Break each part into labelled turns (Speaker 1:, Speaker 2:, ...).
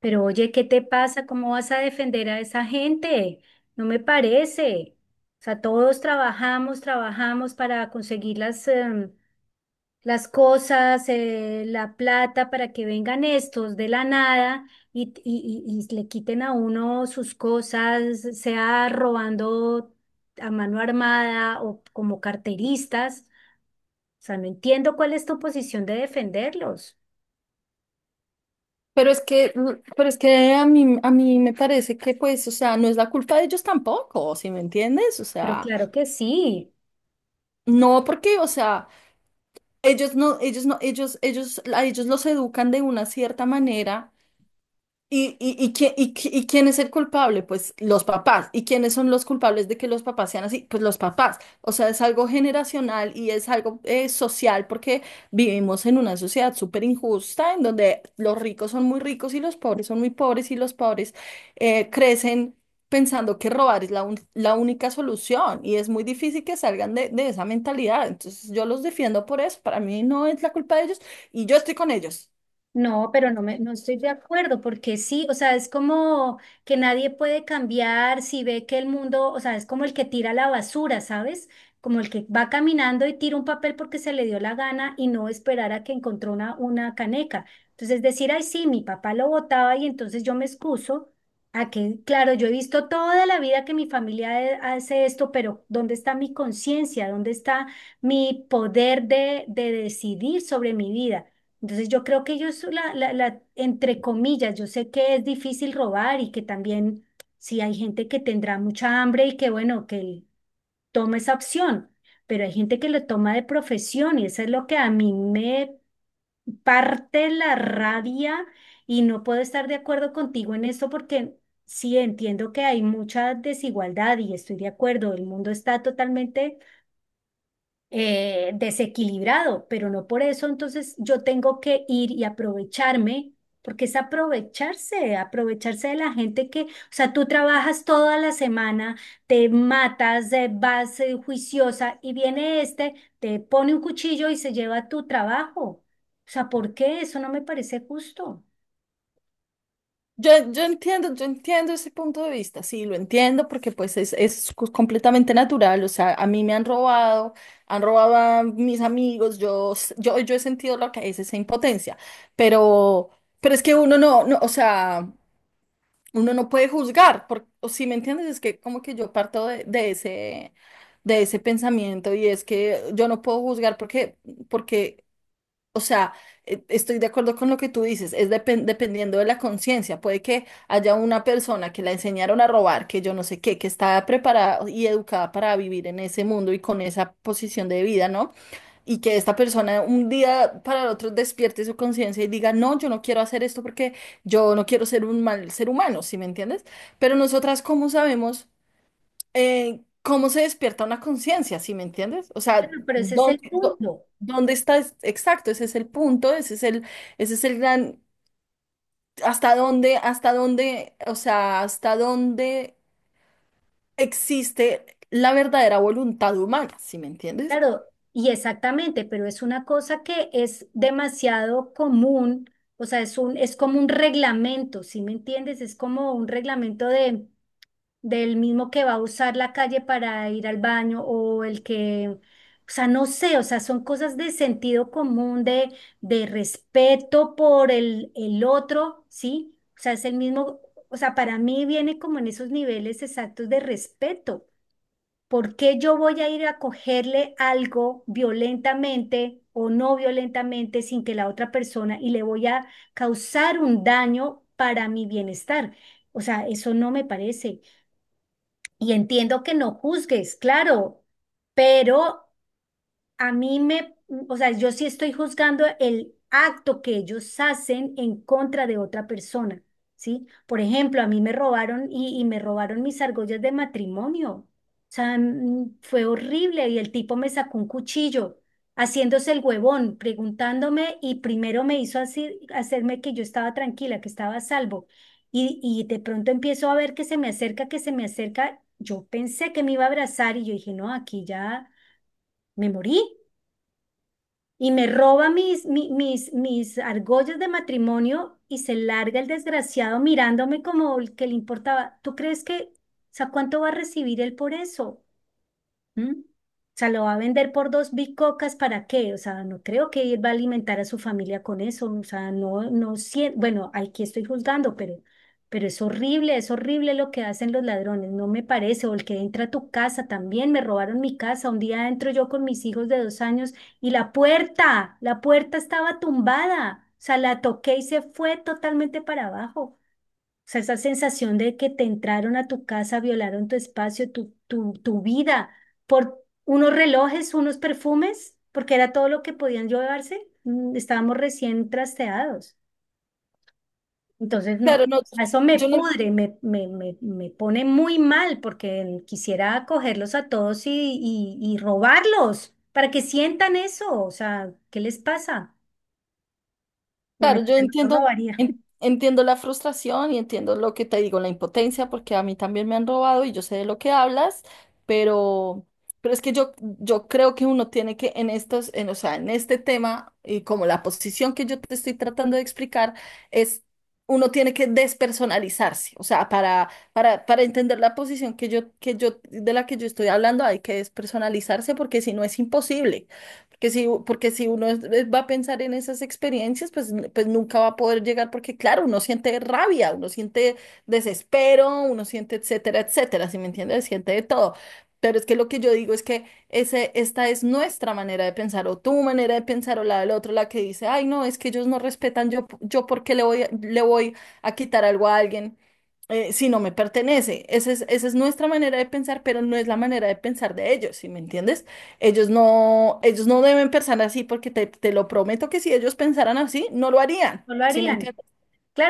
Speaker 1: Pero oye, ¿qué te pasa? ¿Cómo vas a defender a esa gente? No me parece. O sea, todos trabajamos para conseguir las cosas, la plata, para que vengan estos de la nada y le quiten a uno sus cosas, sea robando a mano armada o como carteristas. O sea, no entiendo cuál es tu posición de defenderlos.
Speaker 2: Pero es que, mm, pero es que a mí me parece que, pues, o sea, no es la culpa de ellos tampoco, ¿sí me entiendes? O
Speaker 1: Pero
Speaker 2: sea,
Speaker 1: claro que sí.
Speaker 2: no porque, o sea, ellos no, ellos no, ellos, a ellos los educan de una cierta manera. ¿Y quién es el culpable? Pues los papás. ¿Y quiénes son los culpables de que los papás sean así? Pues los papás. O sea, es algo generacional y es algo social, porque vivimos en una sociedad súper injusta en donde los ricos son muy ricos y los pobres son muy pobres, y los pobres crecen pensando que robar es la única solución, y es muy difícil que salgan de esa mentalidad. Entonces yo los defiendo por eso. Para mí no es la culpa de ellos y yo estoy con ellos.
Speaker 1: No, pero no estoy de acuerdo, porque sí, o sea, es como que nadie puede cambiar si ve que el mundo, o sea, es como el que tira la basura, ¿sabes? Como el que va caminando y tira un papel porque se le dio la gana y no esperar a que encontró una caneca. Entonces decir, ay, sí, mi papá lo botaba y entonces yo me excuso a que, claro, yo he visto toda la vida que mi familia hace esto, pero ¿dónde está mi conciencia? ¿Dónde está mi poder de decidir sobre mi vida? Entonces yo creo que ellos, entre comillas, yo sé que es difícil robar y que también sí hay gente que tendrá mucha hambre y que bueno, que toma esa opción, pero hay gente que lo toma de profesión y eso es lo que a mí me parte la rabia y no puedo estar de acuerdo contigo en esto porque sí entiendo que hay mucha desigualdad y estoy de acuerdo, el mundo está totalmente desequilibrado, pero no por eso, entonces yo tengo que ir y aprovecharme, porque es aprovecharse, aprovecharse de la gente que, o sea, tú trabajas toda la semana, te matas, vas juiciosa y viene este, te pone un cuchillo y se lleva tu trabajo. O sea, ¿por qué? Eso no me parece justo.
Speaker 2: Yo entiendo, yo entiendo ese punto de vista, sí, lo entiendo porque pues es, completamente natural. O sea, a mí me han robado a mis amigos, yo he sentido lo que es esa impotencia, pero, pero es que uno no, o sea, uno no puede juzgar, o si me entiendes, es que como que yo parto de ese pensamiento. Y es que yo no puedo juzgar porque o sea, estoy de acuerdo con lo que tú dices, es dependiendo de la conciencia. Puede que haya una persona que la enseñaron a robar, que yo no sé qué, que está preparada y educada para vivir en ese mundo y con esa posición de vida, ¿no? Y que esta persona un día para el otro despierte su conciencia y diga, no, yo no quiero hacer esto porque yo no quiero ser un mal ser humano, ¿sí me entiendes? Pero nosotras, ¿cómo sabemos? ¿Cómo se despierta una conciencia? ¿Sí me entiendes? O sea,
Speaker 1: Bueno, pero ese es el
Speaker 2: ¿
Speaker 1: punto.
Speaker 2: dónde está? Exacto, ese es el punto, ese es el gran, hasta dónde, o sea, hasta dónde existe la verdadera voluntad humana, ¿sí me entiendes?
Speaker 1: Claro, y exactamente, pero es una cosa que es demasiado común, o sea, es como un reglamento, ¿sí me entiendes? Es como un reglamento de, del mismo que va a usar la calle para ir al baño o el que, o sea, no sé, o sea, son cosas de sentido común, de respeto por el otro, ¿sí? O sea, es el mismo, o sea, para mí viene como en esos niveles exactos de respeto. ¿Por qué yo voy a ir a cogerle algo violentamente o no violentamente sin que la otra persona y le voy a causar un daño para mi bienestar? O sea, eso no me parece. Y entiendo que no juzgues, claro, pero a mí me, o sea, yo sí estoy juzgando el acto que ellos hacen en contra de otra persona, ¿sí? Por ejemplo, a mí me robaron y me robaron mis argollas de matrimonio. O sea, fue horrible y el tipo me sacó un cuchillo, haciéndose el huevón, preguntándome y primero me hizo así, hacerme que yo estaba tranquila, que estaba a salvo. Y de pronto empiezo a ver que se me acerca, que se me acerca. Yo pensé que me iba a abrazar y yo dije, no, aquí ya me morí. Y me roba mis argollas de matrimonio y se larga el desgraciado mirándome como el que le importaba. ¿Tú crees que, o sea, cuánto va a recibir él por eso? ¿Mm? O sea, lo va a vender por dos bicocas, ¿para qué? O sea, no creo que él va a alimentar a su familia con eso. O sea, no, no siento, bueno, aquí estoy juzgando, pero es horrible lo que hacen los ladrones, no me parece. O el que entra a tu casa también, me robaron mi casa. Un día entro yo con mis hijos de 2 años y la puerta estaba tumbada. O sea, la toqué y se fue totalmente para abajo sea, esa sensación de que te entraron a tu casa, violaron tu espacio, tu vida, por unos relojes, unos perfumes, porque era todo lo que podían llevarse. Estábamos recién trasteados. Entonces,
Speaker 2: Claro,
Speaker 1: no,
Speaker 2: no,
Speaker 1: eso me
Speaker 2: yo no.
Speaker 1: pudre, me pone muy mal porque quisiera cogerlos a todos y robarlos para que sientan eso. O sea, ¿qué les pasa? No,
Speaker 2: Claro, yo
Speaker 1: mentira, no lo
Speaker 2: entiendo,
Speaker 1: robaría,
Speaker 2: entiendo la frustración y entiendo lo que te digo, la impotencia, porque a mí también me han robado y yo sé de lo que hablas, pero, pero es que yo creo que uno tiene que en o sea, en este tema y como la posición que yo te estoy tratando de explicar es uno tiene que despersonalizarse, o sea, para entender la posición de la que yo estoy hablando hay que despersonalizarse porque si no es imposible. Porque si uno va a pensar en esas experiencias, pues, pues nunca va a poder llegar, porque claro, uno siente rabia, uno siente desespero, uno siente etcétera, etcétera. ¿Si me entiendes? Siente de todo. Pero es que lo que yo digo es que esta es nuestra manera de pensar, o tu manera de pensar, o la del otro, la que dice, ay, no, es que ellos no respetan, yo porque le voy, le voy a quitar algo a alguien si no me pertenece. Esa es nuestra manera de pensar, pero no es la manera de pensar de ellos, ¿sí me entiendes? Ellos no deben pensar así porque te lo prometo que si ellos pensaran así, no lo harían.
Speaker 1: no lo
Speaker 2: ¿Sí me
Speaker 1: harían.
Speaker 2: entiendes?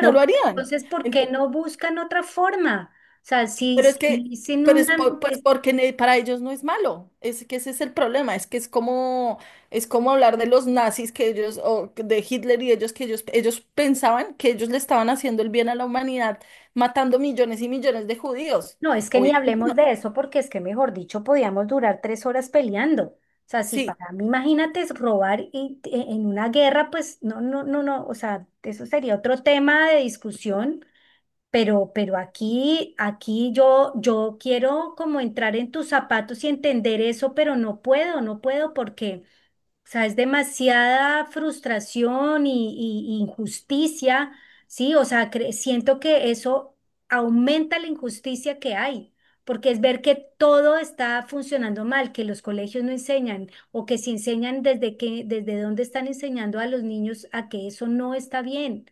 Speaker 2: No lo
Speaker 1: pero
Speaker 2: harían.
Speaker 1: entonces, ¿por qué
Speaker 2: Ent-
Speaker 1: no buscan otra forma? O sea, si,
Speaker 2: pero es que,
Speaker 1: si, sin
Speaker 2: pero es
Speaker 1: una...
Speaker 2: por- pues
Speaker 1: es-
Speaker 2: porque ne- para ellos no es malo. Es que ese es el problema. Es que es como hablar de los nazis que ellos, o de Hitler, y ellos pensaban que ellos le estaban haciendo el bien a la humanidad, matando millones y millones de judíos.
Speaker 1: no, es que ni
Speaker 2: Obviamente no.
Speaker 1: hablemos de eso porque es que, mejor dicho, podíamos durar 3 horas peleando. O sea, si
Speaker 2: Sí,
Speaker 1: para mí, imagínate, es robar en una guerra, pues no, no, no, no, o sea, eso sería otro tema de discusión, pero aquí yo quiero como entrar en tus zapatos y entender eso, pero no puedo, no puedo porque... O sea, es demasiada frustración y injusticia, ¿sí? O sea, siento que eso aumenta la injusticia que hay, porque es ver que todo está funcionando mal, que los colegios no enseñan o que si enseñan desde dónde están enseñando a los niños a que eso no está bien,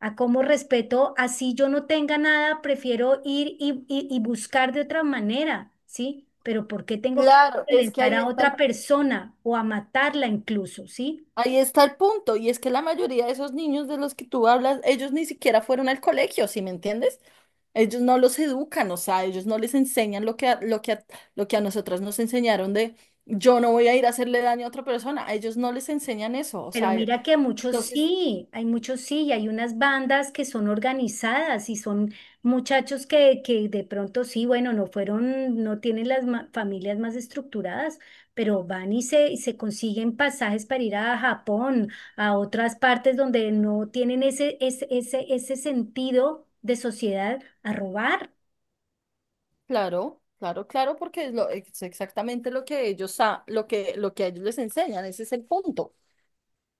Speaker 1: a cómo respeto, así yo no tenga nada, prefiero ir y buscar de otra manera, ¿sí? Pero ¿por qué tengo que
Speaker 2: claro, es que
Speaker 1: violentar
Speaker 2: ahí
Speaker 1: a otra
Speaker 2: está.
Speaker 1: persona o a matarla incluso, ¿sí?
Speaker 2: Ahí está el punto, y es que la mayoría de esos niños de los que tú hablas, ellos ni siquiera fueron al colegio, ¿sí me entiendes? Ellos no los educan, o sea, ellos no les enseñan lo que a nosotras nos enseñaron de yo no voy a ir a hacerle daño a otra persona, a ellos no les enseñan eso, o
Speaker 1: Pero
Speaker 2: sea,
Speaker 1: mira que muchos
Speaker 2: entonces,
Speaker 1: sí, hay muchos sí, y hay unas bandas que son organizadas y son muchachos que de pronto sí, bueno, no fueron, no tienen las familias más estructuradas, pero van y se consiguen pasajes para ir a Japón, a otras partes donde no tienen ese sentido de sociedad a robar.
Speaker 2: claro, claro, claro, porque es exactamente lo que lo que a ellos les enseñan, ese es el punto.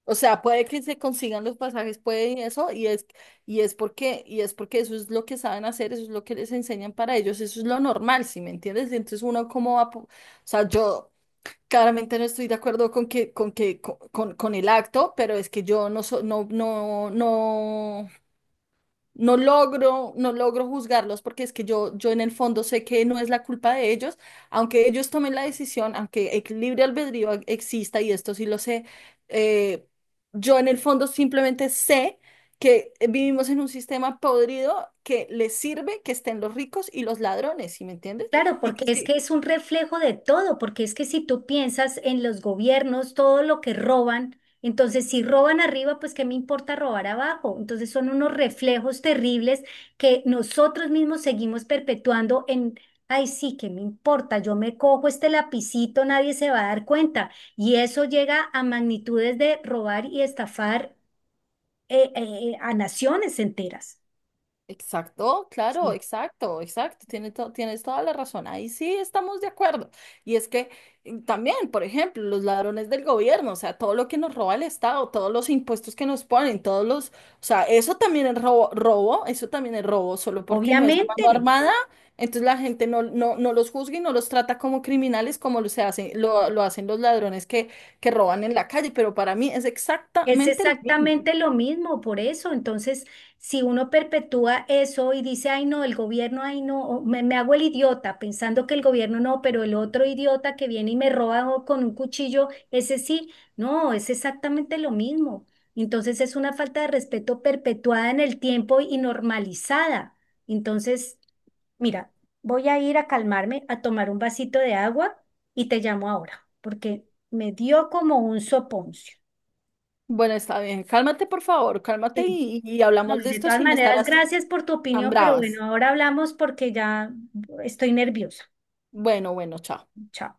Speaker 2: O sea, puede que se consigan los pasajes, puede y eso, y es porque eso es lo que saben hacer, eso es lo que les enseñan para ellos, eso es lo normal, ¿sí me entiendes? Entonces uno cómo va, o sea, yo claramente no estoy de acuerdo con que, con el acto, pero es que yo no, no, no. No logro, no logro juzgarlos porque es que yo en el fondo sé que no es la culpa de ellos, aunque ellos tomen la decisión, aunque el libre albedrío exista, y esto sí lo sé, eh, yo en el fondo simplemente sé que vivimos en un sistema podrido que les sirve que estén los ricos y los ladrones, ¿sí me entiendes?
Speaker 1: Claro,
Speaker 2: Y
Speaker 1: porque
Speaker 2: que,
Speaker 1: es que
Speaker 2: si.
Speaker 1: es un reflejo de todo, porque es que si tú piensas en los gobiernos, todo lo que roban, entonces si roban arriba, pues qué me importa robar abajo. Entonces son unos reflejos terribles que nosotros mismos seguimos perpetuando en, ay, sí, qué me importa, yo me cojo este lapicito, nadie se va a dar cuenta. Y eso llega a magnitudes de robar y estafar a naciones enteras.
Speaker 2: Exacto, claro,
Speaker 1: Sí.
Speaker 2: exacto, exacto. Tienes toda la razón. Ahí sí estamos de acuerdo. Y es que también, por ejemplo, los ladrones del gobierno, o sea, todo lo que nos roba el Estado, todos los impuestos que nos ponen, todos los, o sea, eso también es robo, eso también es robo, solo porque no es a mano
Speaker 1: Obviamente.
Speaker 2: armada, entonces la gente no los juzga y no los trata como criminales como lo hacen los ladrones que roban en la calle, pero para mí es
Speaker 1: Es
Speaker 2: exactamente lo mismo.
Speaker 1: exactamente lo mismo, por eso. Entonces, si uno perpetúa eso y dice, ay no, el gobierno, ay no, o me hago el idiota pensando que el gobierno no, pero el otro idiota que viene y me roba o con un cuchillo, ese sí, no, es exactamente lo mismo. Entonces, es una falta de respeto perpetuada en el tiempo y normalizada. Entonces, mira, voy a ir a calmarme, a tomar un vasito de agua y te llamo ahora, porque me dio como un soponcio.
Speaker 2: Bueno, está bien. Cálmate, por favor, cálmate,
Speaker 1: Sí.
Speaker 2: y
Speaker 1: No,
Speaker 2: hablamos
Speaker 1: y
Speaker 2: de
Speaker 1: de
Speaker 2: esto
Speaker 1: todas
Speaker 2: sin estar
Speaker 1: maneras,
Speaker 2: así
Speaker 1: gracias por tu
Speaker 2: tan
Speaker 1: opinión, pero
Speaker 2: bravas.
Speaker 1: bueno, ahora hablamos porque ya estoy nerviosa.
Speaker 2: Bueno, bueno, chao.
Speaker 1: Chao.